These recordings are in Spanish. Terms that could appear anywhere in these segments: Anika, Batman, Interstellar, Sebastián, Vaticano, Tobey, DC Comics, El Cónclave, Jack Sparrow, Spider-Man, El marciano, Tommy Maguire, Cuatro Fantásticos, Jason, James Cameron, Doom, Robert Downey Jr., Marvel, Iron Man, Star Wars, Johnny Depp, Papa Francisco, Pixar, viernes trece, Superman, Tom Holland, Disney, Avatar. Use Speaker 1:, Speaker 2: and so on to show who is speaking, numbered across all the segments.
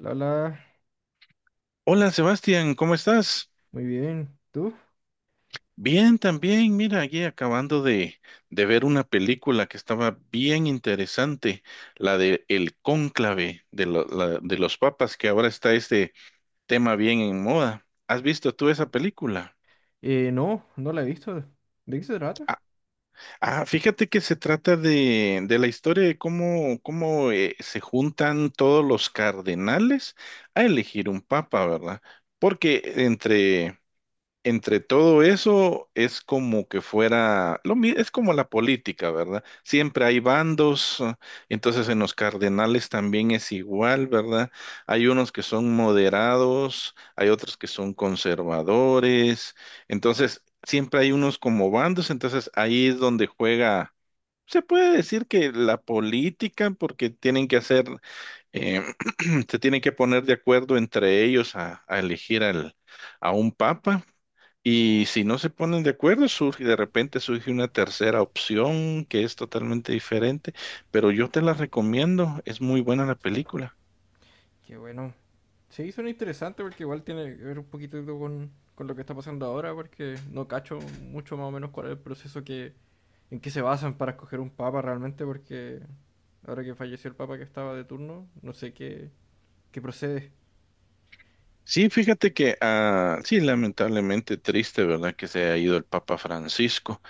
Speaker 1: La, la,
Speaker 2: Hola Sebastián, ¿cómo estás?
Speaker 1: muy bien. ¿Tú?
Speaker 2: Bien, también. Mira, aquí acabando de ver una película que estaba bien interesante, la de El Cónclave de los papas, que ahora está este tema bien en moda. ¿Has visto tú esa película?
Speaker 1: No, no la he visto. ¿De qué se trata?
Speaker 2: Ah, ah, fíjate que se trata de la historia de cómo se juntan todos los cardenales a elegir un papa, ¿verdad? Porque entre todo eso es como que fuera, es como la política, ¿verdad? Siempre hay bandos, entonces en los cardenales también es igual, ¿verdad? Hay unos que son moderados, hay otros que son conservadores, entonces siempre hay unos como bandos, entonces ahí es donde juega. Se puede decir que la política, porque tienen que hacer, eh, se tienen que poner de acuerdo entre ellos a elegir a un papa. Y si no se ponen de acuerdo, surge, de repente surge una tercera opción que es totalmente diferente, pero yo te la recomiendo, es muy buena la película.
Speaker 1: Qué bueno. Sí, suena interesante porque igual tiene que ver un poquito con lo que está pasando ahora, porque no cacho mucho más o menos cuál es el proceso que, en que se basan para escoger un papa realmente, porque ahora que falleció el papa que estaba de turno, no sé qué, qué procede.
Speaker 2: Sí, fíjate que, sí, lamentablemente triste, ¿verdad? Que se ha ido el Papa Francisco,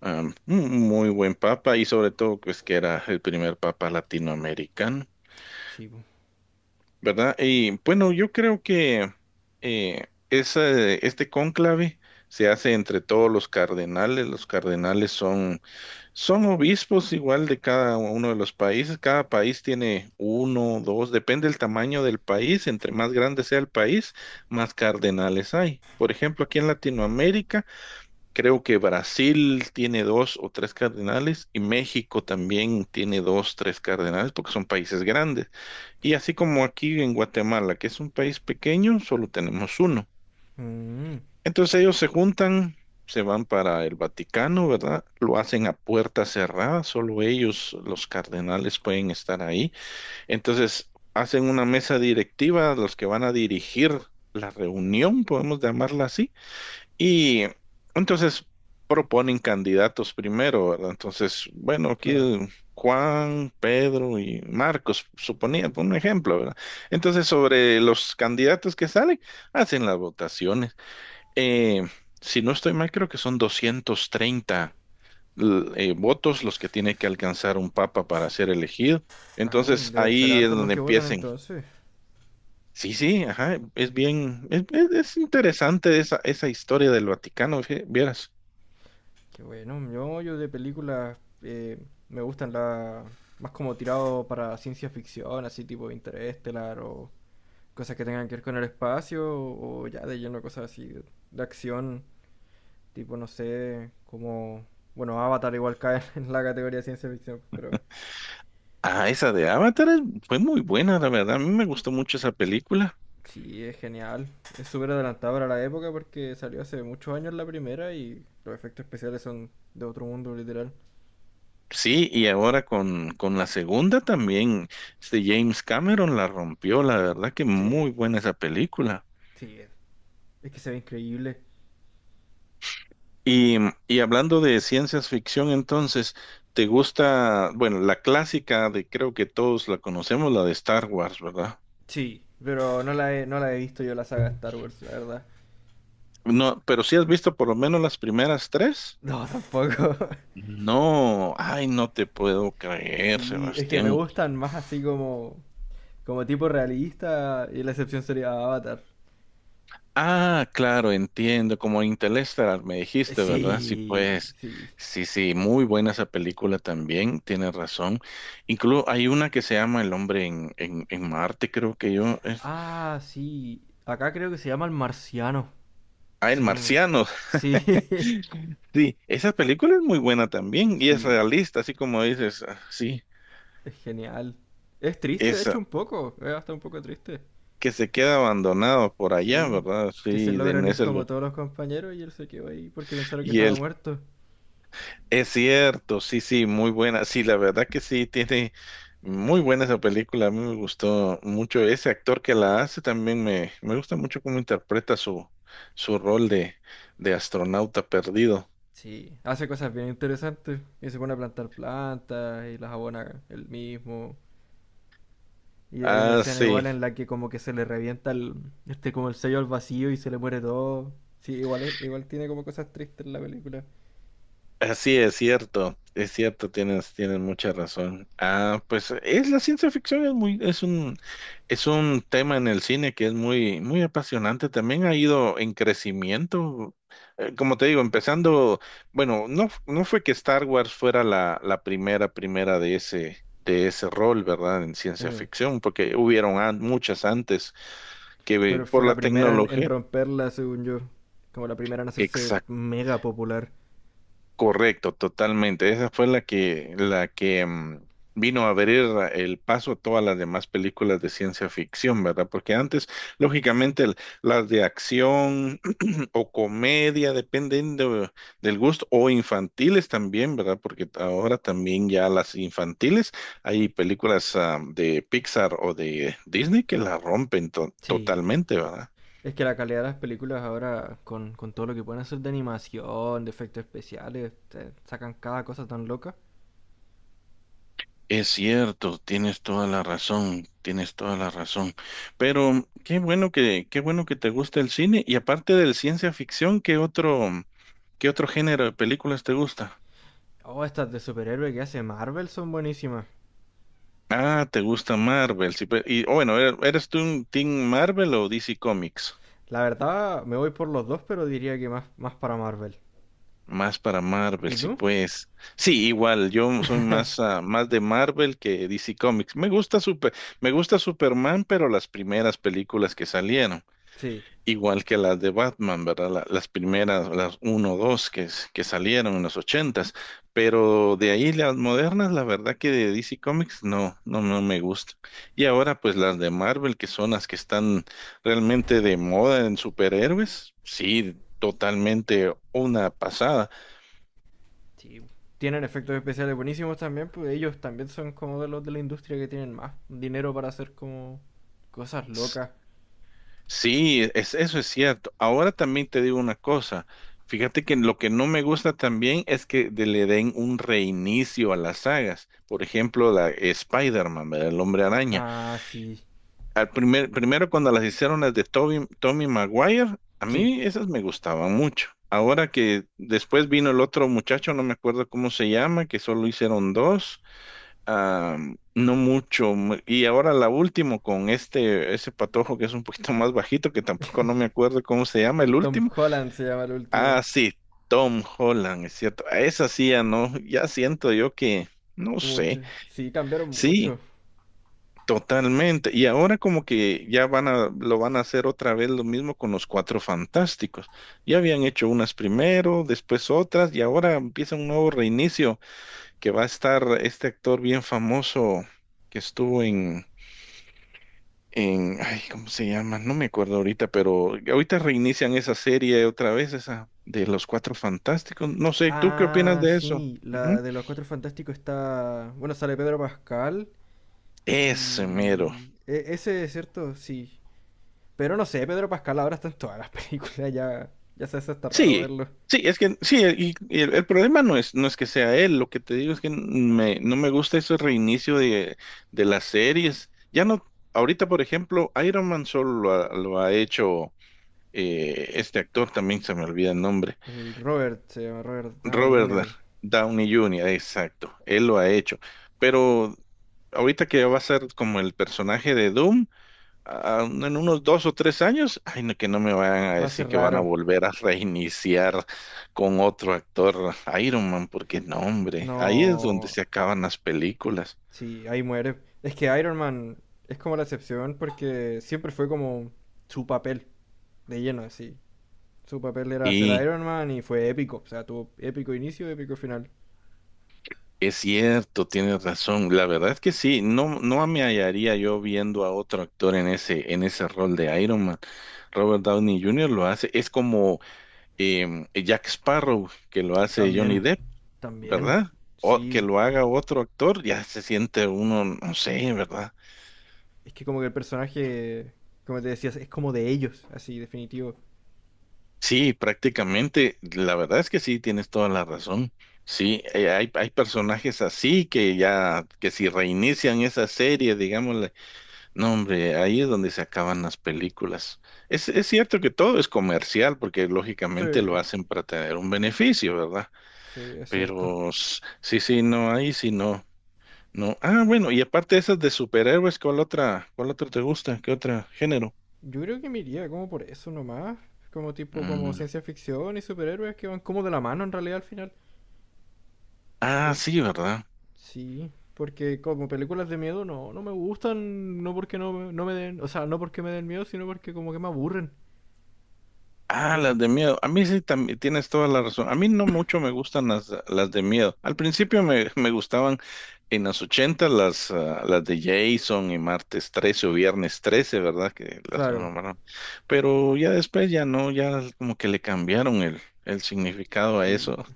Speaker 2: un muy buen papa y sobre todo pues que era el primer papa latinoamericano.
Speaker 1: Sí, po.
Speaker 2: ¿Verdad? Y bueno, yo creo que este cónclave se hace entre todos los cardenales. Los cardenales son obispos igual de cada uno de los países. Cada país tiene uno, dos, depende del tamaño del país. Entre más grande sea el país, más cardenales hay. Por ejemplo, aquí en Latinoamérica. Creo que Brasil tiene dos o tres cardenales y México también tiene dos, tres cardenales porque son países grandes. Y así como aquí en Guatemala, que es un país pequeño, solo tenemos uno.
Speaker 1: Mm,
Speaker 2: Entonces ellos se juntan, se van para el Vaticano, ¿verdad? Lo hacen a puerta cerrada, solo ellos, los cardenales, pueden estar ahí. Entonces hacen una mesa directiva, los que van a dirigir la reunión, podemos llamarla así y entonces proponen candidatos primero, ¿verdad? Entonces, bueno, aquí
Speaker 1: claro.
Speaker 2: Juan, Pedro y Marcos, suponía, por un ejemplo, ¿verdad? Entonces, sobre los candidatos que salen, hacen las votaciones. Eh, si no estoy mal, creo que son 230 votos los que tiene que alcanzar un papa para ser elegido.
Speaker 1: Ah,
Speaker 2: Entonces,
Speaker 1: deben ser
Speaker 2: ahí es
Speaker 1: hartos los
Speaker 2: donde
Speaker 1: que votan
Speaker 2: empiecen.
Speaker 1: entonces.
Speaker 2: Sí, sí, ajá, es bien, es interesante esa historia del Vaticano, vieras.
Speaker 1: Qué bueno, yo de películas eh, me gustan las más como tirado para ciencia ficción, así tipo Interestelar o cosas que tengan que ver con el espacio o ya de lleno cosas así de acción, tipo no sé, como, bueno, Avatar igual cae en la categoría de ciencia ficción, pero
Speaker 2: Ah, esa de Avatar fue muy buena, la verdad. A mí me gustó mucho esa película.
Speaker 1: sí, es genial, es súper adelantado para la época porque salió hace muchos años la primera y los efectos especiales son de otro mundo literal.
Speaker 2: Sí, y ahora con la segunda también, este James Cameron la rompió, la verdad que
Speaker 1: Sí.
Speaker 2: muy buena esa película.
Speaker 1: Sí, es que se ve increíble.
Speaker 2: Y, y hablando de ciencias ficción, entonces, te gusta, bueno, la clásica de creo que todos la conocemos, la de Star Wars, ¿verdad?
Speaker 1: Sí, pero no la he visto yo la saga de Star Wars, la verdad.
Speaker 2: No, pero sí has visto por lo menos las primeras tres.
Speaker 1: No, tampoco.
Speaker 2: No, ay, no te puedo creer,
Speaker 1: Sí, es que me
Speaker 2: Sebastián.
Speaker 1: gustan más así como, como tipo realista y la excepción sería Avatar.
Speaker 2: Ah, claro, entiendo, como Interstellar me dijiste, ¿verdad? Sí,
Speaker 1: Sí,
Speaker 2: pues,
Speaker 1: sí.
Speaker 2: sí, sí, muy buena esa película también, tienes razón. Incluso hay una que se llama El hombre en Marte, creo que yo, es.
Speaker 1: Ah, sí. Acá creo que se llama El Marciano.
Speaker 2: Ah, El
Speaker 1: Si no me-
Speaker 2: Marciano,
Speaker 1: Sí,
Speaker 2: sí, esa película es muy buena también y es
Speaker 1: sí,
Speaker 2: realista, así como dices, sí,
Speaker 1: es genial. Es triste, de hecho,
Speaker 2: esa,
Speaker 1: un poco. Es hasta un poco triste.
Speaker 2: que se queda abandonado por allá,
Speaker 1: Sí,
Speaker 2: ¿verdad?
Speaker 1: que se
Speaker 2: Sí, en
Speaker 1: logran ir
Speaker 2: ese
Speaker 1: como
Speaker 2: lugar.
Speaker 1: todos los compañeros y él se quedó ahí porque pensaron que estaba muerto.
Speaker 2: Es cierto, sí, sí, muy buena. Sí, la verdad que sí, tiene muy buena esa película. A mí me gustó mucho ese actor que la hace. También me gusta mucho cómo interpreta su rol de astronauta perdido.
Speaker 1: Sí, hace cosas bien interesantes. Y se pone a plantar plantas y las abona él mismo. Y hay una
Speaker 2: Ah,
Speaker 1: escena
Speaker 2: sí.
Speaker 1: igual en la que como que se le revienta el, este como el sello al vacío y se le muere todo. Sí, igual tiene como cosas tristes la película.
Speaker 2: Así es cierto, tienes mucha razón. Ah, pues es la ciencia ficción es muy, es un tema en el cine que es muy, muy apasionante. También ha ido en crecimiento. Como te digo, empezando, bueno, no, no fue que Star Wars fuera la primera de ese rol, ¿verdad? En ciencia
Speaker 1: Eh,
Speaker 2: ficción, porque hubieron muchas antes
Speaker 1: pero fue
Speaker 2: por
Speaker 1: la
Speaker 2: la
Speaker 1: primera en
Speaker 2: tecnología.
Speaker 1: romperla, según yo. Como la primera en hacerse mega popular.
Speaker 2: Correcto, totalmente. Esa fue la que vino a abrir el paso a todas las demás películas de ciencia ficción, ¿verdad? Porque antes, lógicamente, las de acción o comedia, dependiendo del gusto, o infantiles también, ¿verdad? Porque ahora también ya las infantiles, hay películas de Pixar o de Disney que la rompen
Speaker 1: Sí.
Speaker 2: totalmente, ¿verdad?
Speaker 1: Es que la calidad de las películas ahora, con todo lo que pueden hacer de animación, de efectos especiales, te sacan cada cosa tan loca.
Speaker 2: Es cierto, tienes toda la razón, tienes toda la razón. Pero qué bueno que te gusta el cine. Y aparte del ciencia ficción, qué otro género de películas te gusta?
Speaker 1: Oh, estas de superhéroe que hace Marvel son buenísimas.
Speaker 2: Ah, te gusta Marvel. Sí, y oh, bueno, ¿eres tú un Team Marvel o DC Comics?
Speaker 1: La verdad, me voy por los dos, pero diría que más, más para Marvel.
Speaker 2: Más para Marvel,
Speaker 1: ¿Y
Speaker 2: sí,
Speaker 1: tú?
Speaker 2: pues. Sí, igual, yo soy más de Marvel que DC Comics. Me gusta me gusta Superman, pero las primeras películas que salieron.
Speaker 1: Sí,
Speaker 2: Igual que las de Batman, ¿verdad? Las primeras, las uno 2 que salieron en los ochentas, pero de ahí las modernas, la verdad que de DC Comics no, no, no me gusta. Y ahora pues las de Marvel, que son las que están realmente de moda en superhéroes, sí, totalmente una pasada.
Speaker 1: sí. Tienen efectos especiales buenísimos también, pues ellos también son como de los de la industria que tienen más dinero para hacer como cosas locas.
Speaker 2: Sí, eso es cierto. Ahora también te digo una cosa. Fíjate que lo que no me gusta también es que le den un reinicio a las sagas. Por ejemplo, la Spider-Man, ¿verdad? El Hombre Araña.
Speaker 1: Ah, sí.
Speaker 2: Al primero cuando las hicieron las de Tobey, Tommy Maguire, a
Speaker 1: Sí.
Speaker 2: mí esas me gustaban mucho. Ahora que después vino el otro muchacho, no me acuerdo cómo se llama, que solo hicieron dos. Ah, no mucho. Y ahora la última con ese patojo que es un poquito más bajito, que tampoco no me acuerdo cómo se llama
Speaker 1: El
Speaker 2: el
Speaker 1: Tom
Speaker 2: último.
Speaker 1: Holland se llama el último.
Speaker 2: Ah, sí, Tom Holland, es cierto. A esa sí ya no, ya siento yo que, no
Speaker 1: Mucho.
Speaker 2: sé,
Speaker 1: Sí, cambiaron
Speaker 2: sí,
Speaker 1: mucho.
Speaker 2: totalmente. Y ahora como que ya lo van a hacer otra vez lo mismo con los Cuatro Fantásticos. Ya habían hecho unas primero, después otras, y ahora empieza un nuevo reinicio que va a estar este actor bien famoso que estuvo en ay, ¿cómo se llama? No me acuerdo ahorita, pero ahorita reinician esa serie otra vez, esa de los Cuatro Fantásticos. No sé, ¿tú qué opinas
Speaker 1: Ah,
Speaker 2: de eso?
Speaker 1: sí.
Speaker 2: Ujú.
Speaker 1: La de los Cuatro Fantásticos está... Bueno, sale Pedro Pascal.
Speaker 2: Ese mero.
Speaker 1: Ese, es ¿cierto? Sí. Pero no sé, Pedro Pascal ahora está en todas las películas, ya, ya se hace hasta raro
Speaker 2: Sí,
Speaker 1: verlo.
Speaker 2: sí, es que sí, y el problema no es que sea él, lo que te digo es que no me gusta ese reinicio de las series. Ya no, ahorita, por ejemplo, Iron Man solo lo ha hecho este actor, también se me olvida el nombre.
Speaker 1: El Robert, se llama Robert Downey
Speaker 2: Robert
Speaker 1: Jr.
Speaker 2: Downey Jr., exacto, él lo ha hecho. Pero ahorita que va a ser como el personaje de Doom, en unos dos o tres años, ay, no, que no me vayan a
Speaker 1: Va a ser
Speaker 2: decir que van a
Speaker 1: raro.
Speaker 2: volver a reiniciar con otro actor Iron Man, porque no, hombre, ahí es donde
Speaker 1: No.
Speaker 2: se acaban las películas.
Speaker 1: Sí, ahí muere. Es que Iron Man es como la excepción porque siempre fue como su papel de lleno, así. Su papel era ser
Speaker 2: Y
Speaker 1: Iron Man y fue épico. O sea, tuvo épico inicio, épico final.
Speaker 2: es cierto, tienes razón, la verdad es que sí, no, no me hallaría yo viendo a otro actor en en ese rol de Iron Man. Robert Downey Jr. lo hace, es como Jack Sparrow, que lo hace Johnny
Speaker 1: También,
Speaker 2: Depp,
Speaker 1: también.
Speaker 2: ¿verdad? O que
Speaker 1: Sí.
Speaker 2: lo haga otro actor, ya se siente uno, no sé, ¿verdad?
Speaker 1: Es que como que el personaje, como te decías, es como de ellos, así, definitivo.
Speaker 2: Sí, prácticamente, la verdad es que sí, tienes toda la razón. Sí, hay personajes así que ya, que si reinician esa serie, digámosle, no, hombre, ahí es donde se acaban las películas. Es cierto que todo es comercial, porque
Speaker 1: Sí,
Speaker 2: lógicamente lo hacen para tener un beneficio, ¿verdad?
Speaker 1: sí, es cierto.
Speaker 2: Pero sí, sí, no, ahí sí no. No. Ah, bueno, y aparte de esas de superhéroes, cuál otra te gusta? ¿Qué otro género?
Speaker 1: Yo creo que me iría como por eso nomás. Como tipo, como
Speaker 2: Mm.
Speaker 1: ciencia ficción y superhéroes que van como de la mano en realidad al final.
Speaker 2: Ah,
Speaker 1: O-
Speaker 2: sí, ¿verdad?
Speaker 1: Sí, porque como películas de miedo no, no me gustan, no porque no, no me den, o sea, no porque me den miedo, sino porque como que me aburren.
Speaker 2: Ah,
Speaker 1: Pe-
Speaker 2: las de miedo. A mí sí también tienes toda la razón. A mí no mucho me gustan las de miedo. Al principio me gustaban en los 80 las de Jason y martes 13 o viernes 13, ¿verdad? Que las
Speaker 1: Claro,
Speaker 2: renombraron. Pero ya después ya no, ya como que le cambiaron el significado a eso.
Speaker 1: sí,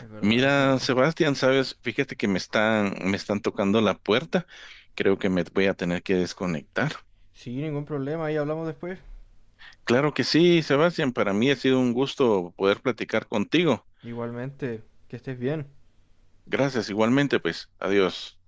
Speaker 1: es verdad, es
Speaker 2: Mira,
Speaker 1: verdad.
Speaker 2: Sebastián, sabes, fíjate que me están tocando la puerta. Creo que me voy a tener que desconectar.
Speaker 1: Sí, ningún problema, ahí hablamos después.
Speaker 2: Claro que sí, Sebastián, para mí ha sido un gusto poder platicar contigo.
Speaker 1: Igualmente, que estés bien.
Speaker 2: Gracias, igualmente, pues, adiós.